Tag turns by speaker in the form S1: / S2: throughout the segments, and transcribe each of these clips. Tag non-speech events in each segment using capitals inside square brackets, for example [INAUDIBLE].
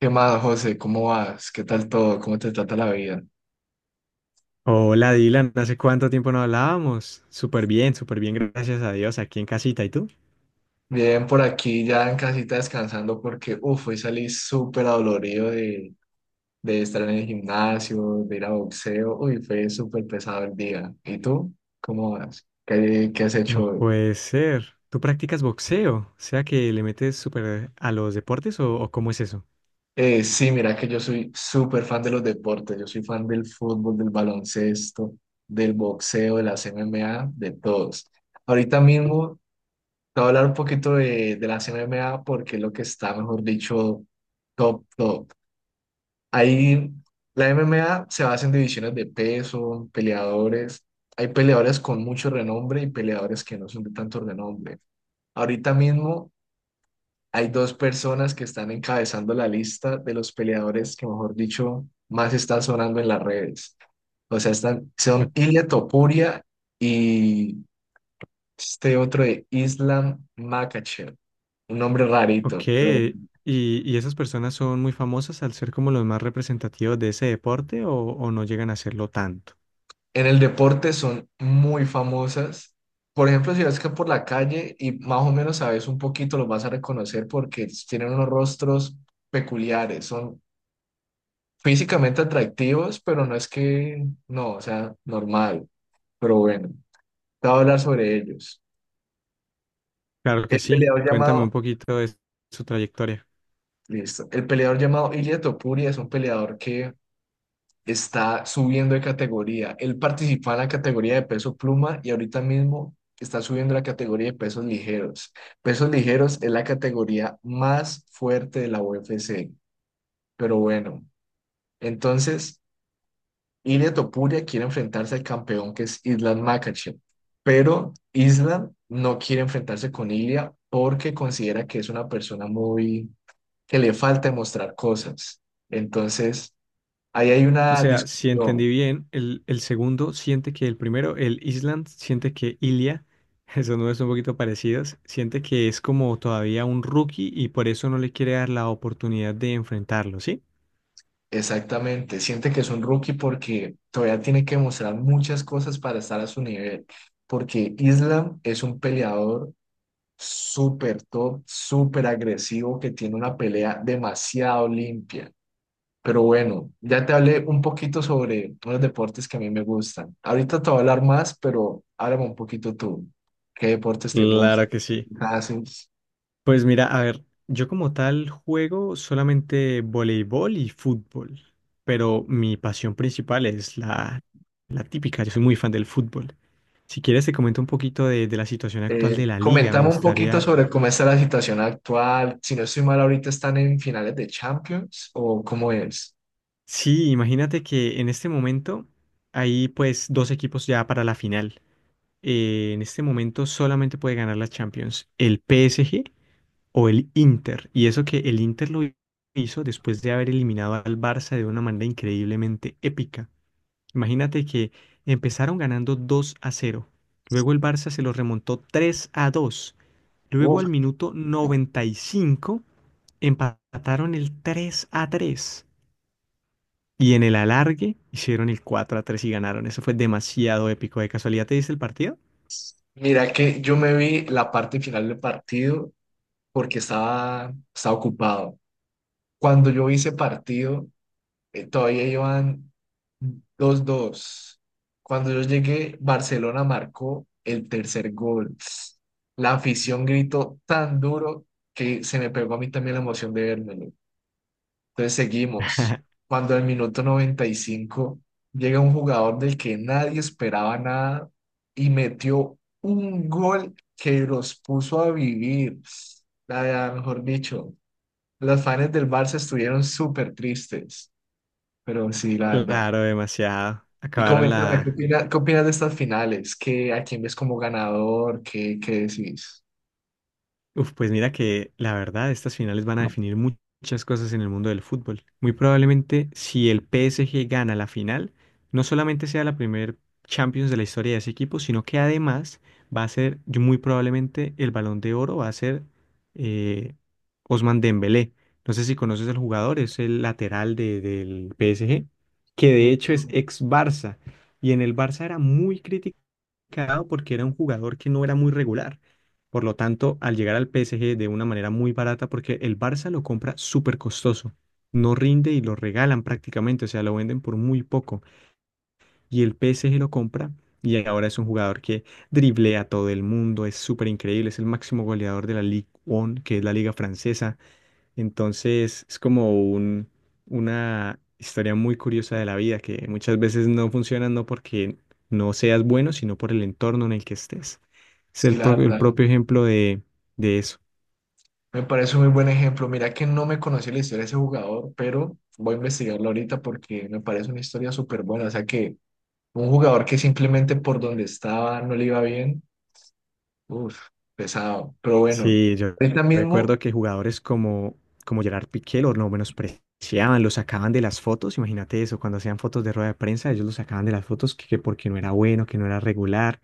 S1: ¿Qué más, José? ¿Cómo vas? ¿Qué tal todo? ¿Cómo te trata la vida?
S2: Hola Dylan, ¿hace cuánto tiempo no hablábamos? Súper bien, gracias a Dios, aquí en casita. ¿Y tú?
S1: Bien, por aquí ya en casita descansando porque, uff, hoy salí súper adolorido de estar en el gimnasio, de ir a boxeo. Uy, fue súper pesado el día. ¿Y tú? ¿Cómo vas? ¿Qué has hecho
S2: No
S1: hoy?
S2: puede ser. ¿Tú practicas boxeo? ¿O sea que le metes súper a los deportes o cómo es eso?
S1: Sí, mira que yo soy súper fan de los deportes. Yo soy fan del fútbol, del baloncesto, del boxeo, de las M M A, de todos. Ahorita mismo te voy a hablar un poquito de las MMA, porque es lo que está, mejor dicho, top, top. Ahí la MMA se basa en divisiones de peso, peleadores. Hay peleadores con mucho renombre y peleadores que no son de tanto renombre. Ahorita mismo hay dos personas que están encabezando la lista de los peleadores que, mejor dicho, más están sonando en las redes. O sea, son
S2: [LAUGHS]
S1: Ilia Topuria y este otro de Islam Makhachev, un nombre
S2: Ok,
S1: rarito, pero
S2: ¿Y esas personas son muy famosas al ser como los más representativos de ese deporte, o no llegan a serlo tanto?
S1: en el deporte son muy famosas. Por ejemplo, si vas que por la calle y más o menos sabes un poquito, los vas a reconocer porque tienen unos rostros peculiares, son físicamente atractivos, pero no es que, no, o sea, normal. Pero bueno, te voy a hablar sobre ellos.
S2: Claro que
S1: El
S2: sí,
S1: peleador
S2: cuéntame un
S1: llamado,
S2: poquito de su trayectoria.
S1: listo, el peleador llamado Ilia Topuria es un peleador que está subiendo de categoría. Él participa en la categoría de peso pluma y ahorita mismo está subiendo la categoría de pesos ligeros. Pesos ligeros es la categoría más fuerte de la UFC. Pero bueno, entonces Ilia Topuria quiere enfrentarse al campeón, que es Islam Makhachev, pero Islam no quiere enfrentarse con Ilia porque considera que es una persona muy que le falta demostrar cosas. Entonces, ahí hay
S2: O
S1: una
S2: sea, si entendí
S1: discusión.
S2: bien, el segundo siente que el primero, el Island, siente que Ilia, [LAUGHS] esos nombres son un poquito parecidos, siente que es como todavía un rookie y por eso no le quiere dar la oportunidad de enfrentarlo, ¿sí?
S1: Exactamente, siente que es un rookie porque todavía tiene que demostrar muchas cosas para estar a su nivel, porque Islam es un peleador súper top, súper agresivo, que tiene una pelea demasiado limpia. Pero bueno, ya te hablé un poquito sobre los deportes que a mí me gustan. Ahorita te voy a hablar más, pero háblame un poquito tú. ¿Qué deportes te
S2: Claro
S1: gustan?
S2: que sí.
S1: ¿Qué haces?
S2: Pues mira, a ver, yo como tal juego solamente voleibol y fútbol, pero mi pasión principal es la típica, yo soy muy fan del fútbol. Si quieres te comento un poquito de la situación actual
S1: Eh,
S2: de la liga, me
S1: coméntame un poquito
S2: gustaría.
S1: sobre cómo está la situación actual. Si no estoy mal, ahorita están en finales de Champions, o cómo es.
S2: Sí, imagínate que en este momento hay pues dos equipos ya para la final. En este momento solamente puede ganar la Champions el PSG o el Inter. Y eso que el Inter lo hizo después de haber eliminado al Barça de una manera increíblemente épica. Imagínate que empezaron ganando 2 a cero. Luego el Barça se lo remontó 3 a dos. Luego
S1: Uf.
S2: al minuto 95 empataron el 3 a 3. Y en el alargue hicieron el 4 a 3 y ganaron. Eso fue demasiado épico. ¿De casualidad te diste el partido?
S1: Mira que yo me vi la parte final del partido porque estaba ocupado. Cuando yo vi ese partido, todavía iban 2-2. Cuando yo llegué, Barcelona marcó el tercer gol. La afición gritó tan duro que se me pegó a mí también la emoción de verlo. Entonces seguimos.
S2: [LAUGHS]
S1: Cuando al minuto 95, llega un jugador del que nadie esperaba nada y metió un gol que los puso a vivir. La verdad, mejor dicho, los fans del Barça estuvieron súper tristes, pero sí, la verdad.
S2: Claro, demasiado.
S1: Y
S2: Acabaron
S1: coméntame,
S2: la,
S1: qué opinas de estas finales? ¿Qué, a quién ves como ganador? ¿Qué decís?
S2: uf, pues mira que la verdad, estas finales van a definir muchas cosas en el mundo del fútbol. Muy probablemente, si el PSG gana la final, no solamente sea la primer Champions de la historia de ese equipo, sino que además va a ser, yo muy probablemente, el Balón de Oro va a ser, eh, Ousmane Dembélé. No sé si conoces al jugador, es el del PSG, que de
S1: Mm.
S2: hecho es ex Barça. Y en el Barça era muy crítico mercado porque era un jugador que no era muy regular. Por lo tanto, al llegar al PSG de una manera muy barata, porque el Barça lo compra súper costoso, no rinde y lo regalan prácticamente, o sea, lo venden por muy poco. Y el PSG lo compra y ahora es un jugador que driblea a todo el mundo, es súper increíble, es el máximo goleador de la Ligue 1, que es la liga francesa, entonces es como un, una historia muy curiosa de la vida que muchas veces no funciona no porque no seas bueno, sino por el entorno en el que estés. Es
S1: Sí, la
S2: el
S1: verdad.
S2: propio ejemplo de eso.
S1: Me parece un muy buen ejemplo. Mira que no me conocí la historia de ese jugador, pero voy a investigarlo ahorita porque me parece una historia súper buena. O sea que un jugador que simplemente por donde estaba no le iba bien, uff, pesado. Pero bueno,
S2: Sí, yo
S1: ahorita mismo.
S2: recuerdo que jugadores como Gerard Piqué lo menospreciaban, lo sacaban de las fotos. Imagínate eso, cuando hacían fotos de rueda de prensa, ellos lo sacaban de las fotos que porque no era bueno, que no era regular.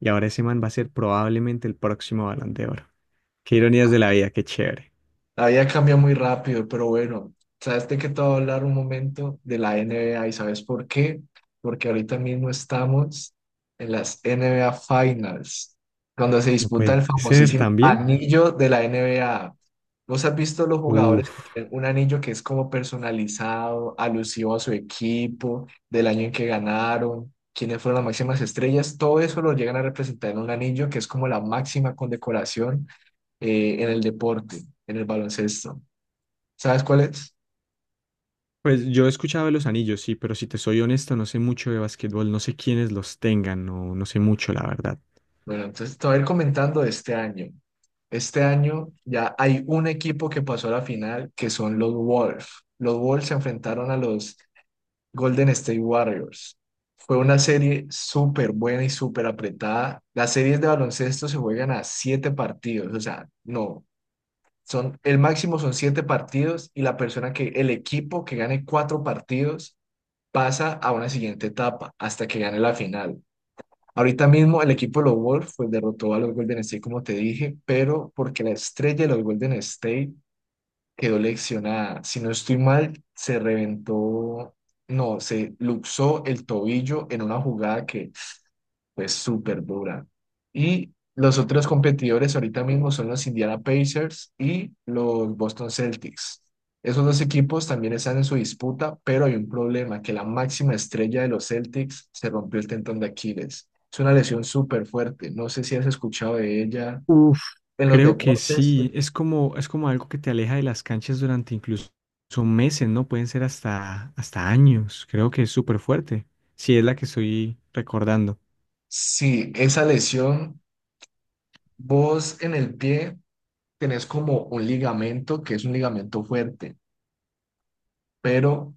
S2: Y ahora ese man va a ser probablemente el próximo Balón de Oro. Qué ironías de la vida, qué chévere.
S1: La vida cambia muy rápido, pero bueno, sabes de qué te voy a hablar un momento, de la NBA. ¿Y sabes por qué? Porque ahorita mismo estamos en las NBA Finals, cuando se
S2: No
S1: disputa el
S2: puede ser
S1: famosísimo
S2: también.
S1: anillo de la NBA. ¿Vos has visto los jugadores que
S2: Uf.
S1: tienen un anillo que es como personalizado, alusivo a su equipo, del año en que ganaron, quiénes fueron las máximas estrellas? Todo eso lo llegan a representar en un anillo, que es como la máxima condecoración en el deporte, en el baloncesto. ¿Sabes cuál es?
S2: Pues yo he escuchado de los anillos, sí, pero si te soy honesto, no sé mucho de básquetbol, no sé quiénes los tengan, no sé mucho, la verdad.
S1: Bueno, entonces te voy a ir comentando de este año. Este año ya hay un equipo que pasó a la final, que son los Wolves. Los Wolves se enfrentaron a los Golden State Warriors. Fue una serie súper buena y súper apretada. Las series de baloncesto se juegan a siete partidos, o sea, no, son, el máximo son siete partidos, y la persona que, el equipo que gane cuatro partidos pasa a una siguiente etapa hasta que gane la final. Ahorita mismo el equipo de los Wolves pues derrotó a los Golden State, como te dije, pero porque la estrella de los Golden State quedó lesionada. Si no estoy mal, se reventó, no, se luxó el tobillo en una jugada que fue súper dura. Y los otros competidores ahorita mismo son los Indiana Pacers y los Boston Celtics. Esos dos equipos también están en su disputa, pero hay un problema, que la máxima estrella de los Celtics se rompió el tendón de Aquiles. Es una lesión súper fuerte. No sé si has escuchado de ella
S2: Uf.
S1: en los
S2: Creo que
S1: deportes.
S2: sí, es como algo que te aleja de las canchas durante incluso meses, ¿no? Pueden ser hasta años. Creo que es súper fuerte, si es la que estoy recordando.
S1: Sí, esa lesión, vos en el pie tenés como un ligamento, que es un ligamento fuerte, pero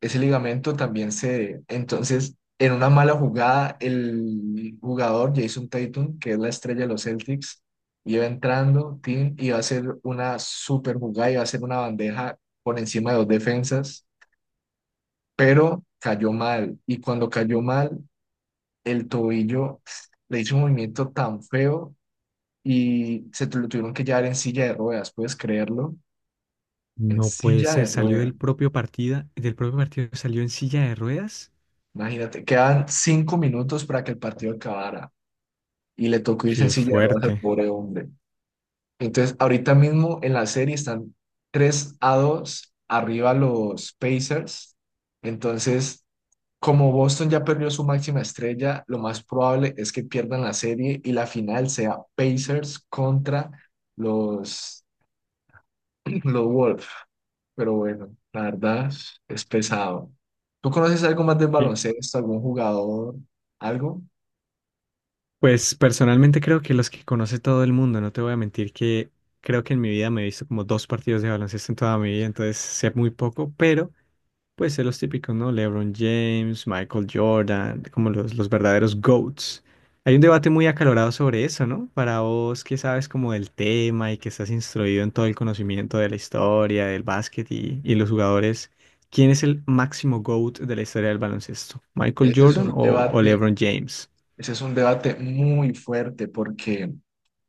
S1: ese ligamento también se... Entonces, en una mala jugada, el jugador Jason Tatum, que es la estrella de los Celtics, iba entrando, Tim, y va a hacer una super jugada, iba a hacer una bandeja por encima de dos defensas, pero cayó mal. Y cuando cayó mal, el tobillo le hizo un movimiento tan feo y lo tuvieron que llevar en silla de ruedas, ¿puedes creerlo? En
S2: No puede
S1: silla
S2: ser,
S1: de
S2: salió
S1: ruedas.
S2: del del propio partido salió en silla de ruedas.
S1: Imagínate, quedan 5 minutos para que el partido acabara, y le tocó irse en
S2: Qué
S1: silla de ruedas al
S2: fuerte.
S1: pobre hombre. Entonces, ahorita mismo en la serie están 3-2 arriba los Pacers. Entonces, como Boston ya perdió su máxima estrella, lo más probable es que pierdan la serie y la final sea Pacers contra los, [CLEARS THROAT] los Wolves. Pero bueno, la verdad es pesado. ¿Tú conoces algo más del
S2: E-
S1: baloncesto, algún jugador, algo?
S2: Pues personalmente creo que los que conoce todo el mundo, no te voy a mentir que creo que en mi vida me he visto como dos partidos de baloncesto en toda mi vida, entonces sé muy poco, pero pues sé los típicos, ¿no? LeBron James, Michael Jordan, como los verdaderos GOATs. Hay un debate muy acalorado sobre eso, ¿no? Para vos que sabes como del tema y que estás instruido en todo el conocimiento de la historia, del básquet y los jugadores, ¿quién es el máximo GOAT de la historia del baloncesto? ¿Michael
S1: Ese es
S2: Jordan
S1: un
S2: o
S1: debate,
S2: LeBron James?
S1: Ese es un debate muy fuerte, porque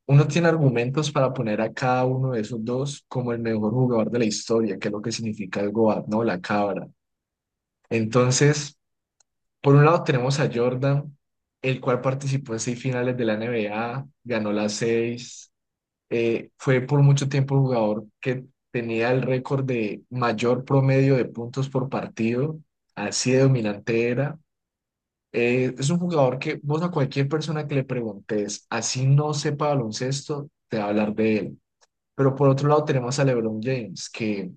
S1: uno tiene argumentos para poner a cada uno de esos dos como el mejor jugador de la historia, que es lo que significa el GOAT, ¿no? La cabra. Entonces, por un lado tenemos a Jordan, el cual participó en seis finales de la NBA, ganó las seis, fue por mucho tiempo el jugador que tenía el récord de mayor promedio de puntos por partido, así de dominante era. Es un jugador que vos a cualquier persona que le preguntes, así no sepa baloncesto, te va a hablar de él. Pero por otro lado tenemos a LeBron James, que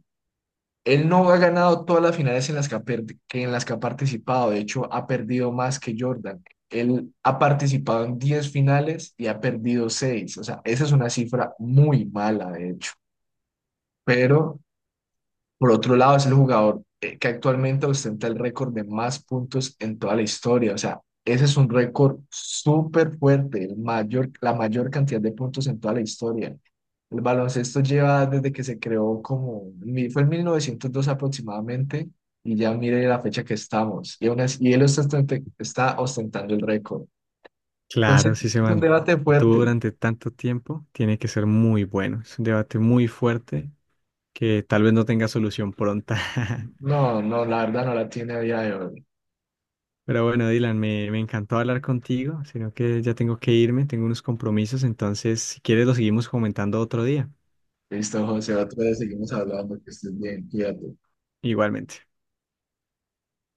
S1: él no ha ganado todas las finales en las que ha, que en las que ha participado. De hecho, ha perdido más que Jordan. Él ha participado en 10 finales y ha perdido seis. O sea, esa es una cifra muy mala, de hecho. Pero por otro lado, es el jugador que actualmente ostenta el récord de más puntos en toda la historia. O sea, ese es un récord súper fuerte, el mayor, la mayor cantidad de puntos en toda la historia. El baloncesto lleva desde que se creó como, fue en 1902 aproximadamente, y ya mire la fecha que estamos. Y, y él está, está ostentando el récord. Entonces,
S2: Claro, si se
S1: es un debate
S2: mantuvo
S1: fuerte.
S2: durante tanto tiempo, tiene que ser muy bueno. Es un debate muy fuerte que tal vez no tenga solución pronta. [LAUGHS]
S1: No, no, la verdad no la tiene a día de hoy.
S2: Pero bueno, Dylan, me encantó hablar contigo, sino que ya tengo que irme, tengo unos compromisos, entonces si quieres lo seguimos comentando otro día.
S1: Listo, José, otra vez seguimos hablando, que estés bien, cuídate.
S2: Igualmente.